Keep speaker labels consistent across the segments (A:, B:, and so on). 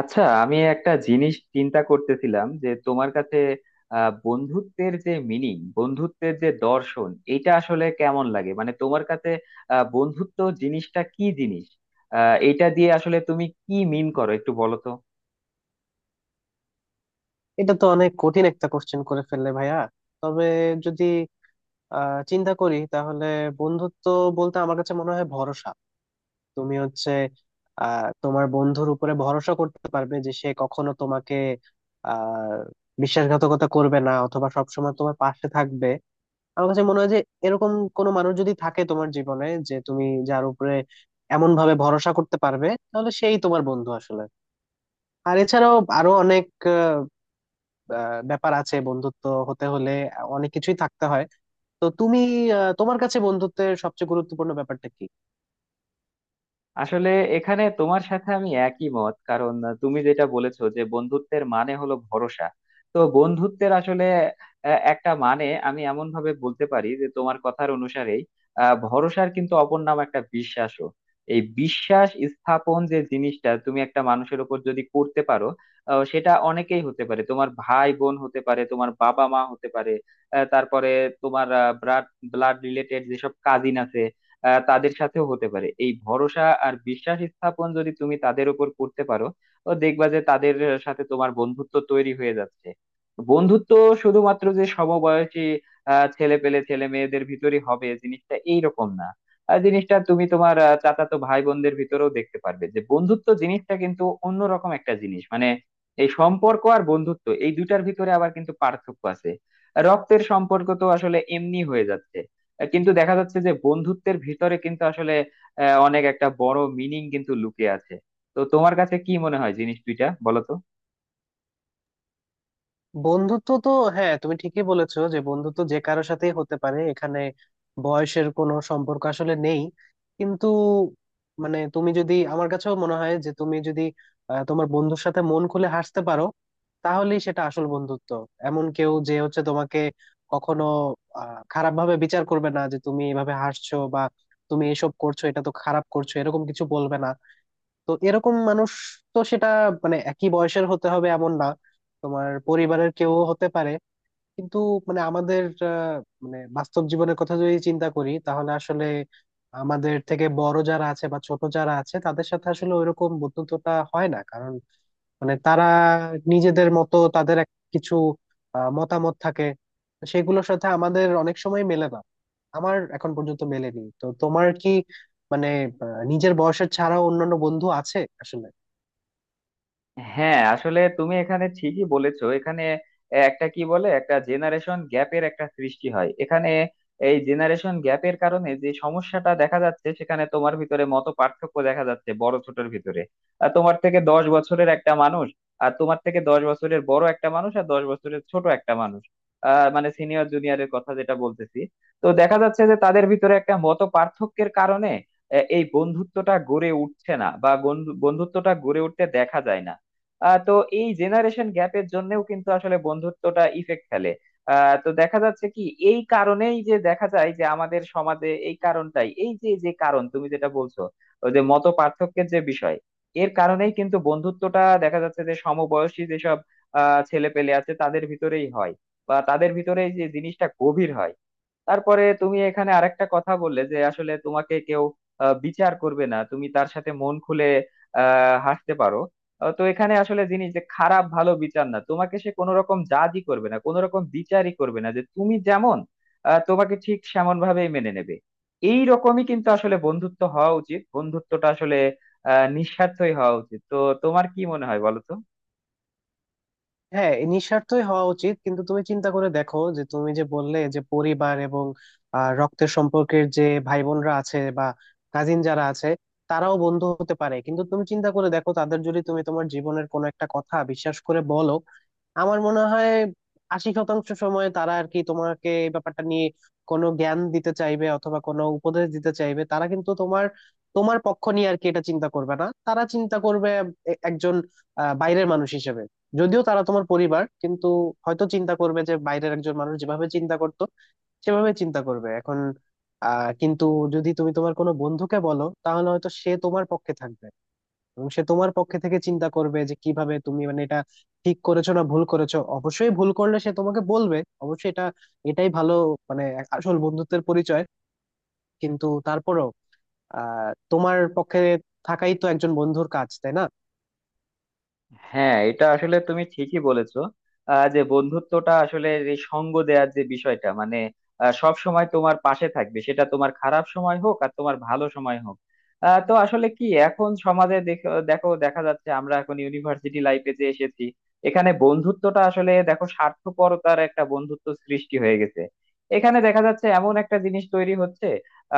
A: আচ্ছা আমি একটা জিনিস চিন্তা করতেছিলাম যে তোমার কাছে বন্ধুত্বের যে মিনিং বন্ধুত্বের যে দর্শন এটা আসলে কেমন লাগে মানে তোমার কাছে। বন্ধুত্ব জিনিসটা কি জিনিস? এটা দিয়ে আসলে তুমি কি মিন করো একটু বলো তো।
B: এটা তো অনেক কঠিন একটা কোশ্চেন করে ফেললে ভাইয়া। তবে যদি চিন্তা করি তাহলে বন্ধুত্ব বলতে আমার কাছে মনে হয় ভরসা। তুমি হচ্ছে তোমার বন্ধুর উপরে ভরসা করতে পারবে যে সে কখনো তোমাকে আহ বিশ্বাসঘাতকতা করবে না, অথবা সবসময় তোমার পাশে থাকবে। আমার কাছে মনে হয় যে এরকম কোনো মানুষ যদি থাকে তোমার জীবনে, যে তুমি যার উপরে এমন ভাবে ভরসা করতে পারবে, তাহলে সেই তোমার বন্ধু আসলে। আর এছাড়াও আরো অনেক ব্যাপার আছে, বন্ধুত্ব হতে হলে অনেক কিছুই থাকতে হয়। তো তুমি, তোমার কাছে বন্ধুত্বের সবচেয়ে গুরুত্বপূর্ণ ব্যাপারটা কি?
A: আসলে এখানে তোমার সাথে আমি একই মত, কারণ তুমি যেটা বলেছো যে বন্ধুত্বের মানে হলো ভরসা। তো বন্ধুত্বের আসলে একটা মানে আমি এমন ভাবে বলতে পারি যে তোমার কথার অনুসারেই ভরসার কিন্তু অপর নাম একটা বিশ্বাসও। এই বিশ্বাস স্থাপন যে জিনিসটা তুমি একটা মানুষের উপর যদি করতে পারো, সেটা অনেকেই হতে পারে, তোমার ভাই বোন হতে পারে, তোমার বাবা মা হতে পারে। তারপরে তোমার ব্লাড ব্লাড রিলেটেড যেসব কাজিন আছে, তাদের সাথেও হতে পারে এই ভরসা আর বিশ্বাস স্থাপন। যদি তুমি তাদের উপর করতে পারো, তো দেখবা যে তাদের সাথে তোমার বন্ধুত্ব তৈরি হয়ে যাচ্ছে। বন্ধুত্ব শুধুমাত্র যে সমবয়সী ছেলে পেলে ছেলে মেয়েদের ভিতরই হবে জিনিসটা এইরকম না। আর জিনিসটা তুমি তোমার চাচাতো ভাই বোনদের ভিতরেও দেখতে পারবে যে বন্ধুত্ব জিনিসটা কিন্তু অন্যরকম একটা জিনিস। মানে এই সম্পর্ক আর বন্ধুত্ব এই দুইটার ভিতরে আবার কিন্তু পার্থক্য আছে। রক্তের সম্পর্ক তো আসলে এমনি হয়ে যাচ্ছে, কিন্তু দেখা যাচ্ছে যে বন্ধুত্বের ভিতরে কিন্তু আসলে অনেক একটা বড় মিনিং কিন্তু লুকিয়ে আছে। তো তোমার কাছে কি মনে হয় জিনিস দুইটা বলো তো।
B: বন্ধুত্ব তো, হ্যাঁ তুমি ঠিকই বলেছো যে বন্ধুত্ব যে কারোর সাথেই হতে পারে, এখানে বয়সের কোনো সম্পর্ক আসলে নেই। কিন্তু মানে তুমি যদি, আমার কাছেও মনে হয় যে তুমি যদি তোমার বন্ধুর সাথে মন খুলে হাসতে পারো, তাহলেই সেটা আসল বন্ধুত্ব। এমন কেউ যে হচ্ছে তোমাকে কখনো খারাপ ভাবে বিচার করবে না, যে তুমি এভাবে হাসছো বা তুমি এসব করছো, এটা তো খারাপ করছো, এরকম কিছু বলবে না। তো এরকম মানুষ, তো সেটা মানে একই বয়সের হতে হবে এমন না, তোমার পরিবারের কেউ হতে পারে। কিন্তু মানে আমাদের, আহ, মানে বাস্তব জীবনের কথা যদি চিন্তা করি তাহলে আসলে আমাদের থেকে বড় যারা আছে বা ছোট যারা আছে তাদের সাথে আসলে ওইরকম বন্ধুত্বটা হয় না, কারণ মানে তারা নিজেদের মতো তাদের এক কিছু মতামত থাকে, সেগুলোর সাথে আমাদের অনেক সময় মেলে না। আমার এখন পর্যন্ত মেলেনি, তো তোমার কি মানে নিজের বয়সের ছাড়াও অন্যান্য বন্ধু আছে আসলে?
A: হ্যাঁ আসলে তুমি এখানে ঠিকই বলেছো, এখানে একটা কি বলে একটা জেনারেশন গ্যাপের একটা সৃষ্টি হয়। এখানে এই জেনারেশন গ্যাপের কারণে যে সমস্যাটা দেখা যাচ্ছে, সেখানে তোমার ভিতরে মত পার্থক্য দেখা যাচ্ছে বড় ছোটর ভিতরে। আর তোমার থেকে 10 বছরের একটা মানুষ, আর তোমার থেকে দশ বছরের বড় একটা মানুষ আর 10 বছরের ছোট একটা মানুষ, মানে সিনিয়র জুনিয়রের কথা যেটা বলতেছি। তো দেখা যাচ্ছে যে তাদের ভিতরে একটা মত পার্থক্যের কারণে এই বন্ধুত্বটা গড়ে উঠছে না, বা বন্ধুত্বটা গড়ে উঠতে দেখা যায় না। তো এই জেনারেশন গ্যাপের জন্যও কিন্তু আসলে বন্ধুত্বটা ইফেক্ট ফেলে। তো দেখা যাচ্ছে কি, এই কারণেই যে দেখা যায় যে আমাদের সমাজে এই কারণটাই, এই যে যে কারণ তুমি যেটা বলছো, ওই যে মত পার্থক্যের যে বিষয়, এর কারণেই কিন্তু বন্ধুত্বটা দেখা যাচ্ছে যে সমবয়সী যেসব ছেলে পেলে আছে তাদের ভিতরেই হয়, বা তাদের ভিতরে এই যে জিনিসটা গভীর হয়। তারপরে তুমি এখানে আরেকটা কথা বললে যে আসলে তোমাকে কেউ বিচার করবে না, তুমি তার সাথে মন খুলে হাসতে পারো। তো এখানে আসলে জিনিস যে খারাপ ভালো বিচার না, তোমাকে সে কোনো রকম জাজই করবে না, কোনো রকম বিচারই করবে না, যে তুমি যেমন তোমাকে ঠিক সেমন ভাবেই মেনে নেবে। এই রকমই কিন্তু আসলে বন্ধুত্ব হওয়া উচিত, বন্ধুত্বটা আসলে নিঃস্বার্থই হওয়া উচিত। তো তোমার কি মনে হয় বলো তো।
B: হ্যাঁ এই নিঃস্বার্থই হওয়া উচিত, কিন্তু তুমি চিন্তা করে দেখো যে তুমি যে বললে যে পরিবার এবং রক্তের সম্পর্কের যে ভাই বোনরা আছে বা কাজিন যারা আছে, তারাও বন্ধু হতে পারে। কিন্তু তুমি চিন্তা করে দেখো, তাদের যদি তুমি তোমার জীবনের কোনো একটা কথা বিশ্বাস করে বলো, আমার মনে হয় 80% সময় তারা আর কি তোমাকে এই ব্যাপারটা নিয়ে কোনো জ্ঞান দিতে চাইবে অথবা কোনো উপদেশ দিতে চাইবে। তারা কিন্তু তোমার, তোমার পক্ষ নিয়ে আর কি এটা চিন্তা করবে না, তারা চিন্তা করবে একজন বাইরের মানুষ হিসেবে। যদিও তারা তোমার পরিবার, কিন্তু হয়তো চিন্তা করবে যে বাইরের একজন মানুষ যেভাবে চিন্তা করতো সেভাবে চিন্তা করবে এখন। কিন্তু যদি তুমি তোমার কোনো বন্ধুকে বলো, তাহলে হয়তো সে তোমার পক্ষে থাকবে, এবং সে তোমার পক্ষে থেকে চিন্তা করবে যে কিভাবে তুমি মানে এটা ঠিক করেছো না ভুল করেছো। অবশ্যই ভুল করলে সে তোমাকে বলবে, অবশ্যই এটা, এটাই ভালো, মানে আসল বন্ধুত্বের পরিচয়। কিন্তু তারপরেও তোমার পক্ষে থাকাই তো একজন বন্ধুর কাজ, তাই না?
A: হ্যাঁ এটা আসলে তুমি ঠিকই বলেছো, যে বন্ধুত্বটা আসলে এই সঙ্গ দেওয়ার যে বিষয়টা, মানে সব সময় তোমার পাশে থাকবে, সেটা তোমার খারাপ সময় হোক আর তোমার ভালো সময় হোক। তো আসলে কি এখন সমাজে দেখো দেখো দেখা যাচ্ছে আমরা এখন ইউনিভার্সিটি লাইফে যে এসেছি, এখানে বন্ধুত্বটা আসলে দেখো স্বার্থপরতার একটা বন্ধুত্ব সৃষ্টি হয়ে গেছে। এখানে দেখা যাচ্ছে এমন একটা জিনিস তৈরি হচ্ছে,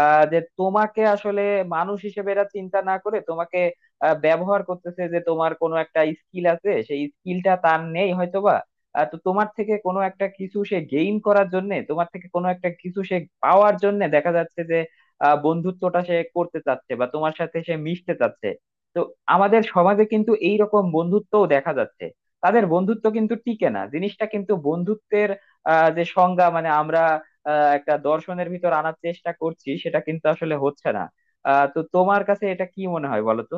A: যে তোমাকে আসলে মানুষ হিসেবে এরা চিন্তা না করে তোমাকে ব্যবহার করতেছে। যে তোমার কোনো একটা স্কিল আছে, সেই স্কিলটা তার নেই হয়তোবা, তো তোমার থেকে কোনো একটা কিছু সে গেইন করার জন্য, তোমার থেকে কোনো একটা কিছু সে পাওয়ার জন্য দেখা যাচ্ছে যে বন্ধুত্বটা সে করতে চাচ্ছে বা তোমার সাথে সে মিশতে চাচ্ছে। তো আমাদের সমাজে কিন্তু এই রকম বন্ধুত্বও দেখা যাচ্ছে। তাদের বন্ধুত্ব কিন্তু টিকে না, জিনিসটা কিন্তু বন্ধুত্বের যে সংজ্ঞা মানে আমরা একটা দর্শনের ভিতর আনার চেষ্টা করছি সেটা কিন্তু আসলে হচ্ছে না। তো তোমার কাছে এটা কি মনে হয় বলো তো।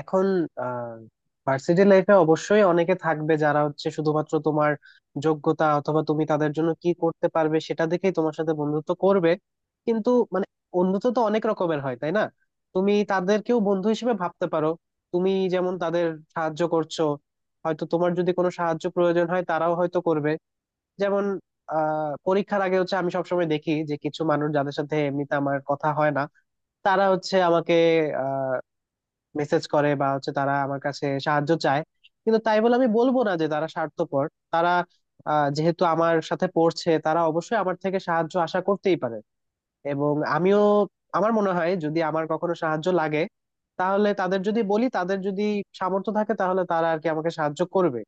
B: এখন আহ ভার্সিটি লাইফে অবশ্যই অনেকে থাকবে যারা হচ্ছে শুধুমাত্র তোমার যোগ্যতা অথবা তুমি তাদের জন্য কি করতে পারবে সেটা দেখেই তোমার সাথে বন্ধুত্ব করবে। কিন্তু মানে বন্ধুত্ব তো অনেক রকমের হয়, তাই না? তুমি তাদেরকেও বন্ধু হিসেবে ভাবতে পারো। তুমি যেমন তাদের সাহায্য করছো, হয়তো তোমার যদি কোনো সাহায্য প্রয়োজন হয় তারাও হয়তো করবে। যেমন পরীক্ষার আগে হচ্ছে আমি সবসময় দেখি যে কিছু মানুষ যাদের সাথে এমনিতে আমার কথা হয় না, তারা হচ্ছে আমাকে মেসেজ করে বা হচ্ছে তারা আমার কাছে সাহায্য চায়। কিন্তু তাই বলে আমি বলবো না যে তারা স্বার্থপর। তারা যেহেতু আমার সাথে পড়ছে তারা অবশ্যই আমার থেকে সাহায্য আশা করতেই পারে। এবং আমিও, আমার মনে হয় যদি আমার কখনো সাহায্য লাগে, তাহলে তাদের যদি বলি, তাদের যদি সামর্থ্য থাকে তাহলে তারা আর কি আমাকে সাহায্য করবে।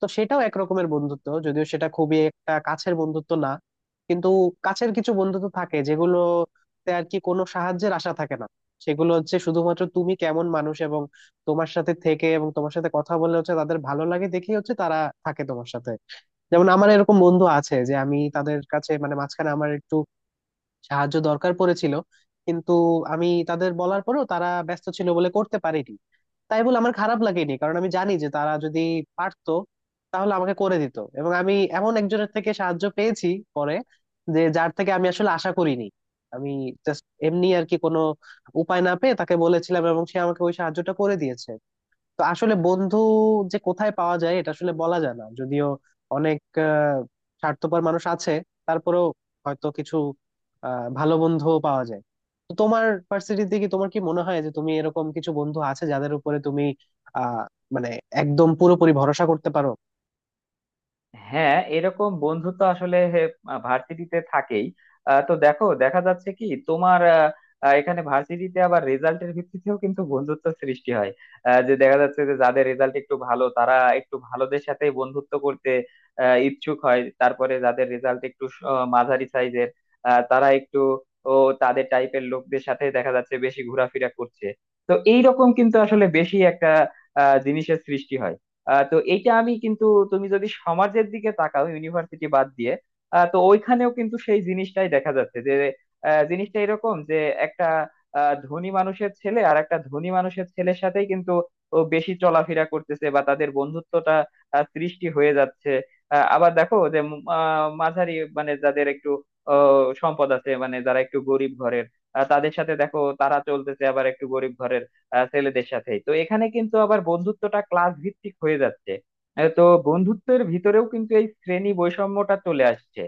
B: তো সেটাও একরকমের বন্ধুত্ব, যদিও সেটা খুবই একটা কাছের বন্ধুত্ব না। কিন্তু কাছের কিছু বন্ধুত্ব থাকে যেগুলোতে আর কি কোনো সাহায্যের আশা থাকে না। সেগুলো হচ্ছে শুধুমাত্র তুমি কেমন মানুষ, এবং তোমার সাথে থেকে এবং তোমার সাথে কথা বলে হচ্ছে তাদের ভালো লাগে, দেখেই হচ্ছে তারা থাকে তোমার সাথে। যেমন আমার এরকম বন্ধু আছে যে আমি তাদের কাছে মানে মাঝখানে আমার একটু সাহায্য দরকার পড়েছিল, কিন্তু আমি তাদের বলার পরেও তারা ব্যস্ত ছিল বলে করতে পারেনি। তাই বলে আমার খারাপ লাগেনি, কারণ আমি জানি যে তারা যদি পারতো তাহলে আমাকে করে দিত। এবং আমি এমন একজনের থেকে সাহায্য পেয়েছি পরে, যে যার থেকে আমি আসলে আশা করিনি। আমি জাস্ট এমনি আর কি কোনো উপায় না পেয়ে তাকে বলেছিলাম, এবং সে আমাকে ওই সাহায্যটা করে দিয়েছে। তো আসলে বন্ধু যে কোথায় পাওয়া যায় এটা আসলে বলা যায় না। যদিও অনেক আহ, স্বার্থপর মানুষ আছে, তারপরেও হয়তো কিছু ভালো বন্ধুও পাওয়া যায়। তো তোমার ভার্সিটিতে কি, তোমার কি মনে হয় যে তুমি, এরকম কিছু বন্ধু আছে যাদের উপরে তুমি আহ মানে একদম পুরোপুরি ভরসা করতে পারো?
A: হ্যাঁ এরকম বন্ধু তো আসলে ভার্সিটিতে থাকেই। তো দেখো দেখা যাচ্ছে কি তোমার এখানে ভার্সিটিতে আবার রেজাল্টের ভিত্তিতেও কিন্তু বন্ধুত্ব সৃষ্টি হয়। যে দেখা যাচ্ছে যে যাদের রেজাল্ট একটু ভালো তারা একটু ভালোদের সাথে বন্ধুত্ব করতে ইচ্ছুক হয়। তারপরে যাদের রেজাল্ট একটু মাঝারি সাইজের, তারা একটু ও তাদের টাইপের লোকদের সাথে দেখা যাচ্ছে বেশি ঘোরাফেরা করছে। তো এইরকম কিন্তু আসলে বেশি একটা জিনিসের সৃষ্টি হয়। তো এইটা আমি কিন্তু, তুমি যদি সমাজের দিকে তাকাও ইউনিভার্সিটি বাদ দিয়ে, তো ওইখানেও কিন্তু সেই জিনিসটাই দেখা যাচ্ছে যে জিনিসটা এরকম যে একটা ধনী মানুষের ছেলে আর একটা ধনী মানুষের ছেলের সাথেই কিন্তু ও বেশি চলাফেরা করতেছে, বা তাদের বন্ধুত্বটা সৃষ্টি হয়ে যাচ্ছে। আবার দেখো যে মাঝারি মানে যাদের একটু সম্পদ আছে, মানে যারা একটু গরিব ঘরের, তাদের সাথে দেখো তারা চলতেছে, আবার একটু গরিব ঘরের ছেলেদের সাথে। তো এখানে কিন্তু আবার বন্ধুত্বটা ক্লাস ভিত্তিক হয়ে যাচ্ছে। তো বন্ধুত্বের ভিতরেও কিন্তু এই শ্রেণী বৈষম্যটা চলে আসছে।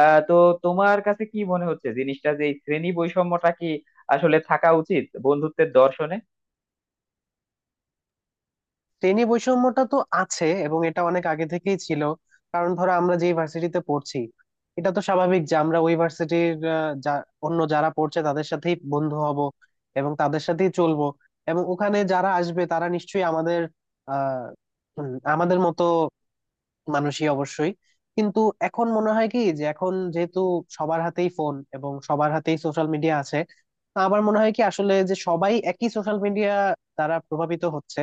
A: তো তোমার কাছে কি মনে হচ্ছে জিনিসটা, যে এই শ্রেণী বৈষম্যটা কি আসলে থাকা উচিত বন্ধুত্বের দর্শনে?
B: শ্রেণী বৈষম্যটা তো আছে, এবং এটা অনেক আগে থেকেই ছিল। কারণ ধরো আমরা যে ভার্সিটিতে পড়ছি, এটা তো স্বাভাবিক যে আমরা ওই ভার্সিটির অন্য যারা পড়ছে তাদের সাথেই বন্ধু হব এবং তাদের সাথেই চলবো। এবং ওখানে যারা আসবে তারা নিশ্চয়ই আমাদের আহ উম, আমাদের মতো মানুষই অবশ্যই। কিন্তু এখন মনে হয় কি, যে এখন যেহেতু সবার হাতেই ফোন এবং সবার হাতেই সোশ্যাল মিডিয়া আছে, আমার মনে হয় কি আসলে যে সবাই একই সোশ্যাল মিডিয়া দ্বারা প্রভাবিত হচ্ছে।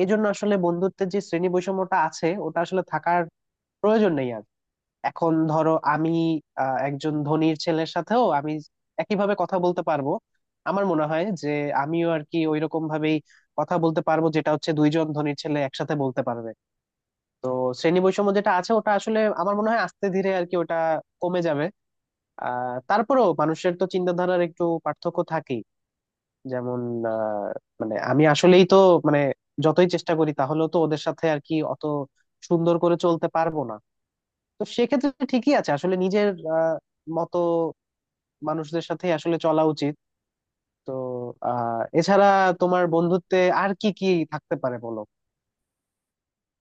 B: এই জন্য আসলে বন্ধুত্বের যে শ্রেণী বৈষম্যটা আছে ওটা আসলে থাকার প্রয়োজন নেই আর। এখন ধরো আমি একজন ধনীর ছেলের সাথেও আমি একইভাবে কথা বলতে পারবো। আমার মনে হয় যে আমিও আর কি ওইরকম ভাবেই কথা বলতে পারবো, যেটা হচ্ছে দুইজন ধনীর ছেলে একসাথে বলতে পারবে। তো শ্রেণী বৈষম্য যেটা আছে ওটা আসলে আমার মনে হয় আস্তে ধীরে আর কি ওটা কমে যাবে। তারপরেও মানুষের তো চিন্তাধারার একটু পার্থক্য থাকেই। যেমন আহ, মানে আমি আসলেই তো মানে যতই চেষ্টা করি তাহলেও তো ওদের সাথে আর কি অত সুন্দর করে চলতে পারবো না। তো সেক্ষেত্রে ঠিকই আছে, আসলে নিজের আহ মতো মানুষদের সাথে আসলে চলা উচিত। তো এছাড়া তোমার বন্ধুত্বে আর কি কি থাকতে পারে বলো?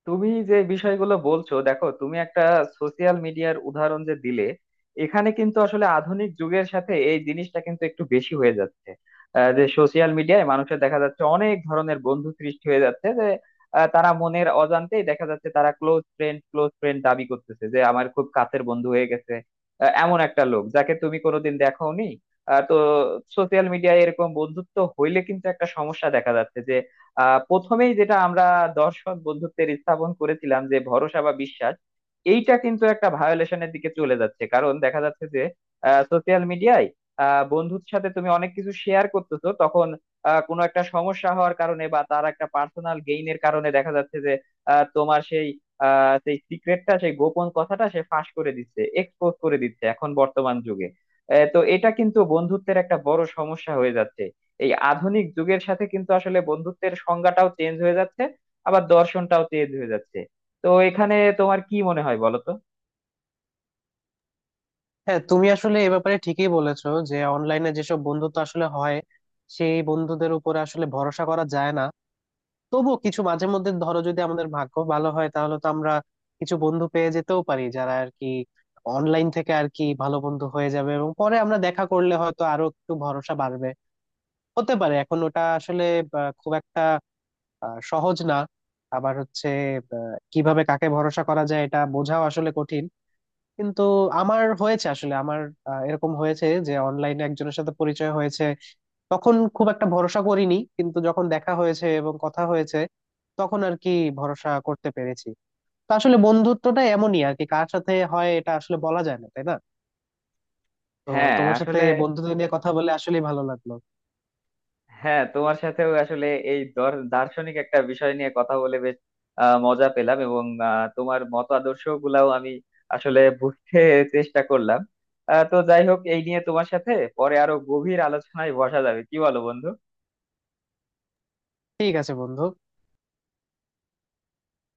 A: তুমি যে বিষয়গুলো বলছো দেখো, তুমি একটা সোশিয়াল মিডিয়ার উদাহরণ যে দিলে, এখানে কিন্তু আসলে আধুনিক যুগের সাথে এই জিনিসটা কিন্তু একটু বেশি হয়ে যাচ্ছে। যে সোশিয়াল মিডিয়ায় মানুষের দেখা যাচ্ছে অনেক ধরনের বন্ধু সৃষ্টি হয়ে যাচ্ছে, যে তারা মনের অজান্তেই দেখা যাচ্ছে তারা ক্লোজ ফ্রেন্ড ক্লোজ ফ্রেন্ড দাবি করতেছে যে আমার খুব কাছের বন্ধু হয়ে গেছে, এমন একটা লোক যাকে তুমি কোনোদিন দেখোনি। তো সোশিয়াল মিডিয়ায় এরকম বন্ধুত্ব হইলে কিন্তু একটা সমস্যা দেখা যাচ্ছে। প্রথমেই যেটা আমরা দর্শন বন্ধুত্বের স্থাপন করেছিলাম যে ভরসা বা বিশ্বাস, এইটা কিন্তু একটা ভায়োলেশনের দিকে চলে যাচ্ছে, কারণ দেখা যাচ্ছে যে সোশ্যাল মিডিয়ায় বন্ধুর সাথে তুমি অনেক কিছু শেয়ার করতেছো, তখন কোনো একটা সমস্যা হওয়ার কারণে বা তার একটা পার্সোনাল গেইনের কারণে দেখা যাচ্ছে যে তোমার সেই সেই সিক্রেটটা, সেই গোপন কথাটা সে ফাঁস করে দিচ্ছে, এক্সপোজ করে দিচ্ছে এখন বর্তমান যুগে। তো এটা কিন্তু বন্ধুত্বের একটা বড় সমস্যা হয়ে যাচ্ছে। এই আধুনিক যুগের সাথে কিন্তু আসলে বন্ধুত্বের সংজ্ঞাটাও চেঞ্জ হয়ে যাচ্ছে, আবার দর্শনটাও চেঞ্জ হয়ে যাচ্ছে। তো এখানে তোমার কি মনে হয় বলো তো।
B: হ্যাঁ তুমি আসলে এ ব্যাপারে ঠিকই বলেছো যে অনলাইনে যেসব বন্ধুত্ব আসলে হয়, সেই বন্ধুদের উপরে আসলে ভরসা করা যায় না। তবুও কিছু মাঝে মধ্যে ধরো যদি আমাদের ভাগ্য ভালো হয়, তাহলে তো আমরা কিছু বন্ধু পেয়ে যেতেও পারি যারা আর কি অনলাইন থেকে আর কি ভালো বন্ধু হয়ে যাবে, এবং পরে আমরা দেখা করলে হয়তো আরো একটু ভরসা বাড়বে। হতে পারে, এখন ওটা আসলে খুব একটা সহজ না। আবার হচ্ছে কিভাবে কাকে ভরসা করা যায় এটা বোঝাও আসলে কঠিন। কিন্তু আমার হয়েছে আসলে আমার এরকম হয়েছে যে অনলাইনে একজনের সাথে পরিচয় হয়েছে, তখন খুব একটা ভরসা করিনি, কিন্তু যখন দেখা হয়েছে এবং কথা হয়েছে, তখন আর কি ভরসা করতে পেরেছি। তো আসলে বন্ধুত্বটা এমনই আর কি, কার সাথে হয় এটা আসলে বলা যায় না, তাই না? তো
A: হ্যাঁ
B: তোমার সাথে
A: আসলে
B: বন্ধুত্ব নিয়ে কথা বলে আসলেই ভালো লাগলো।
A: হ্যাঁ তোমার সাথেও আসলে এই দার্শনিক একটা বিষয় নিয়ে কথা বলে বেশ মজা পেলাম। এবং তোমার মত আদর্শ গুলাও আমি আসলে বুঝতে চেষ্টা করলাম। তো যাই হোক, এই নিয়ে তোমার সাথে পরে আরো গভীর আলোচনায় বসা যাবে, কি বলো বন্ধু?
B: ঠিক আছে বন্ধু।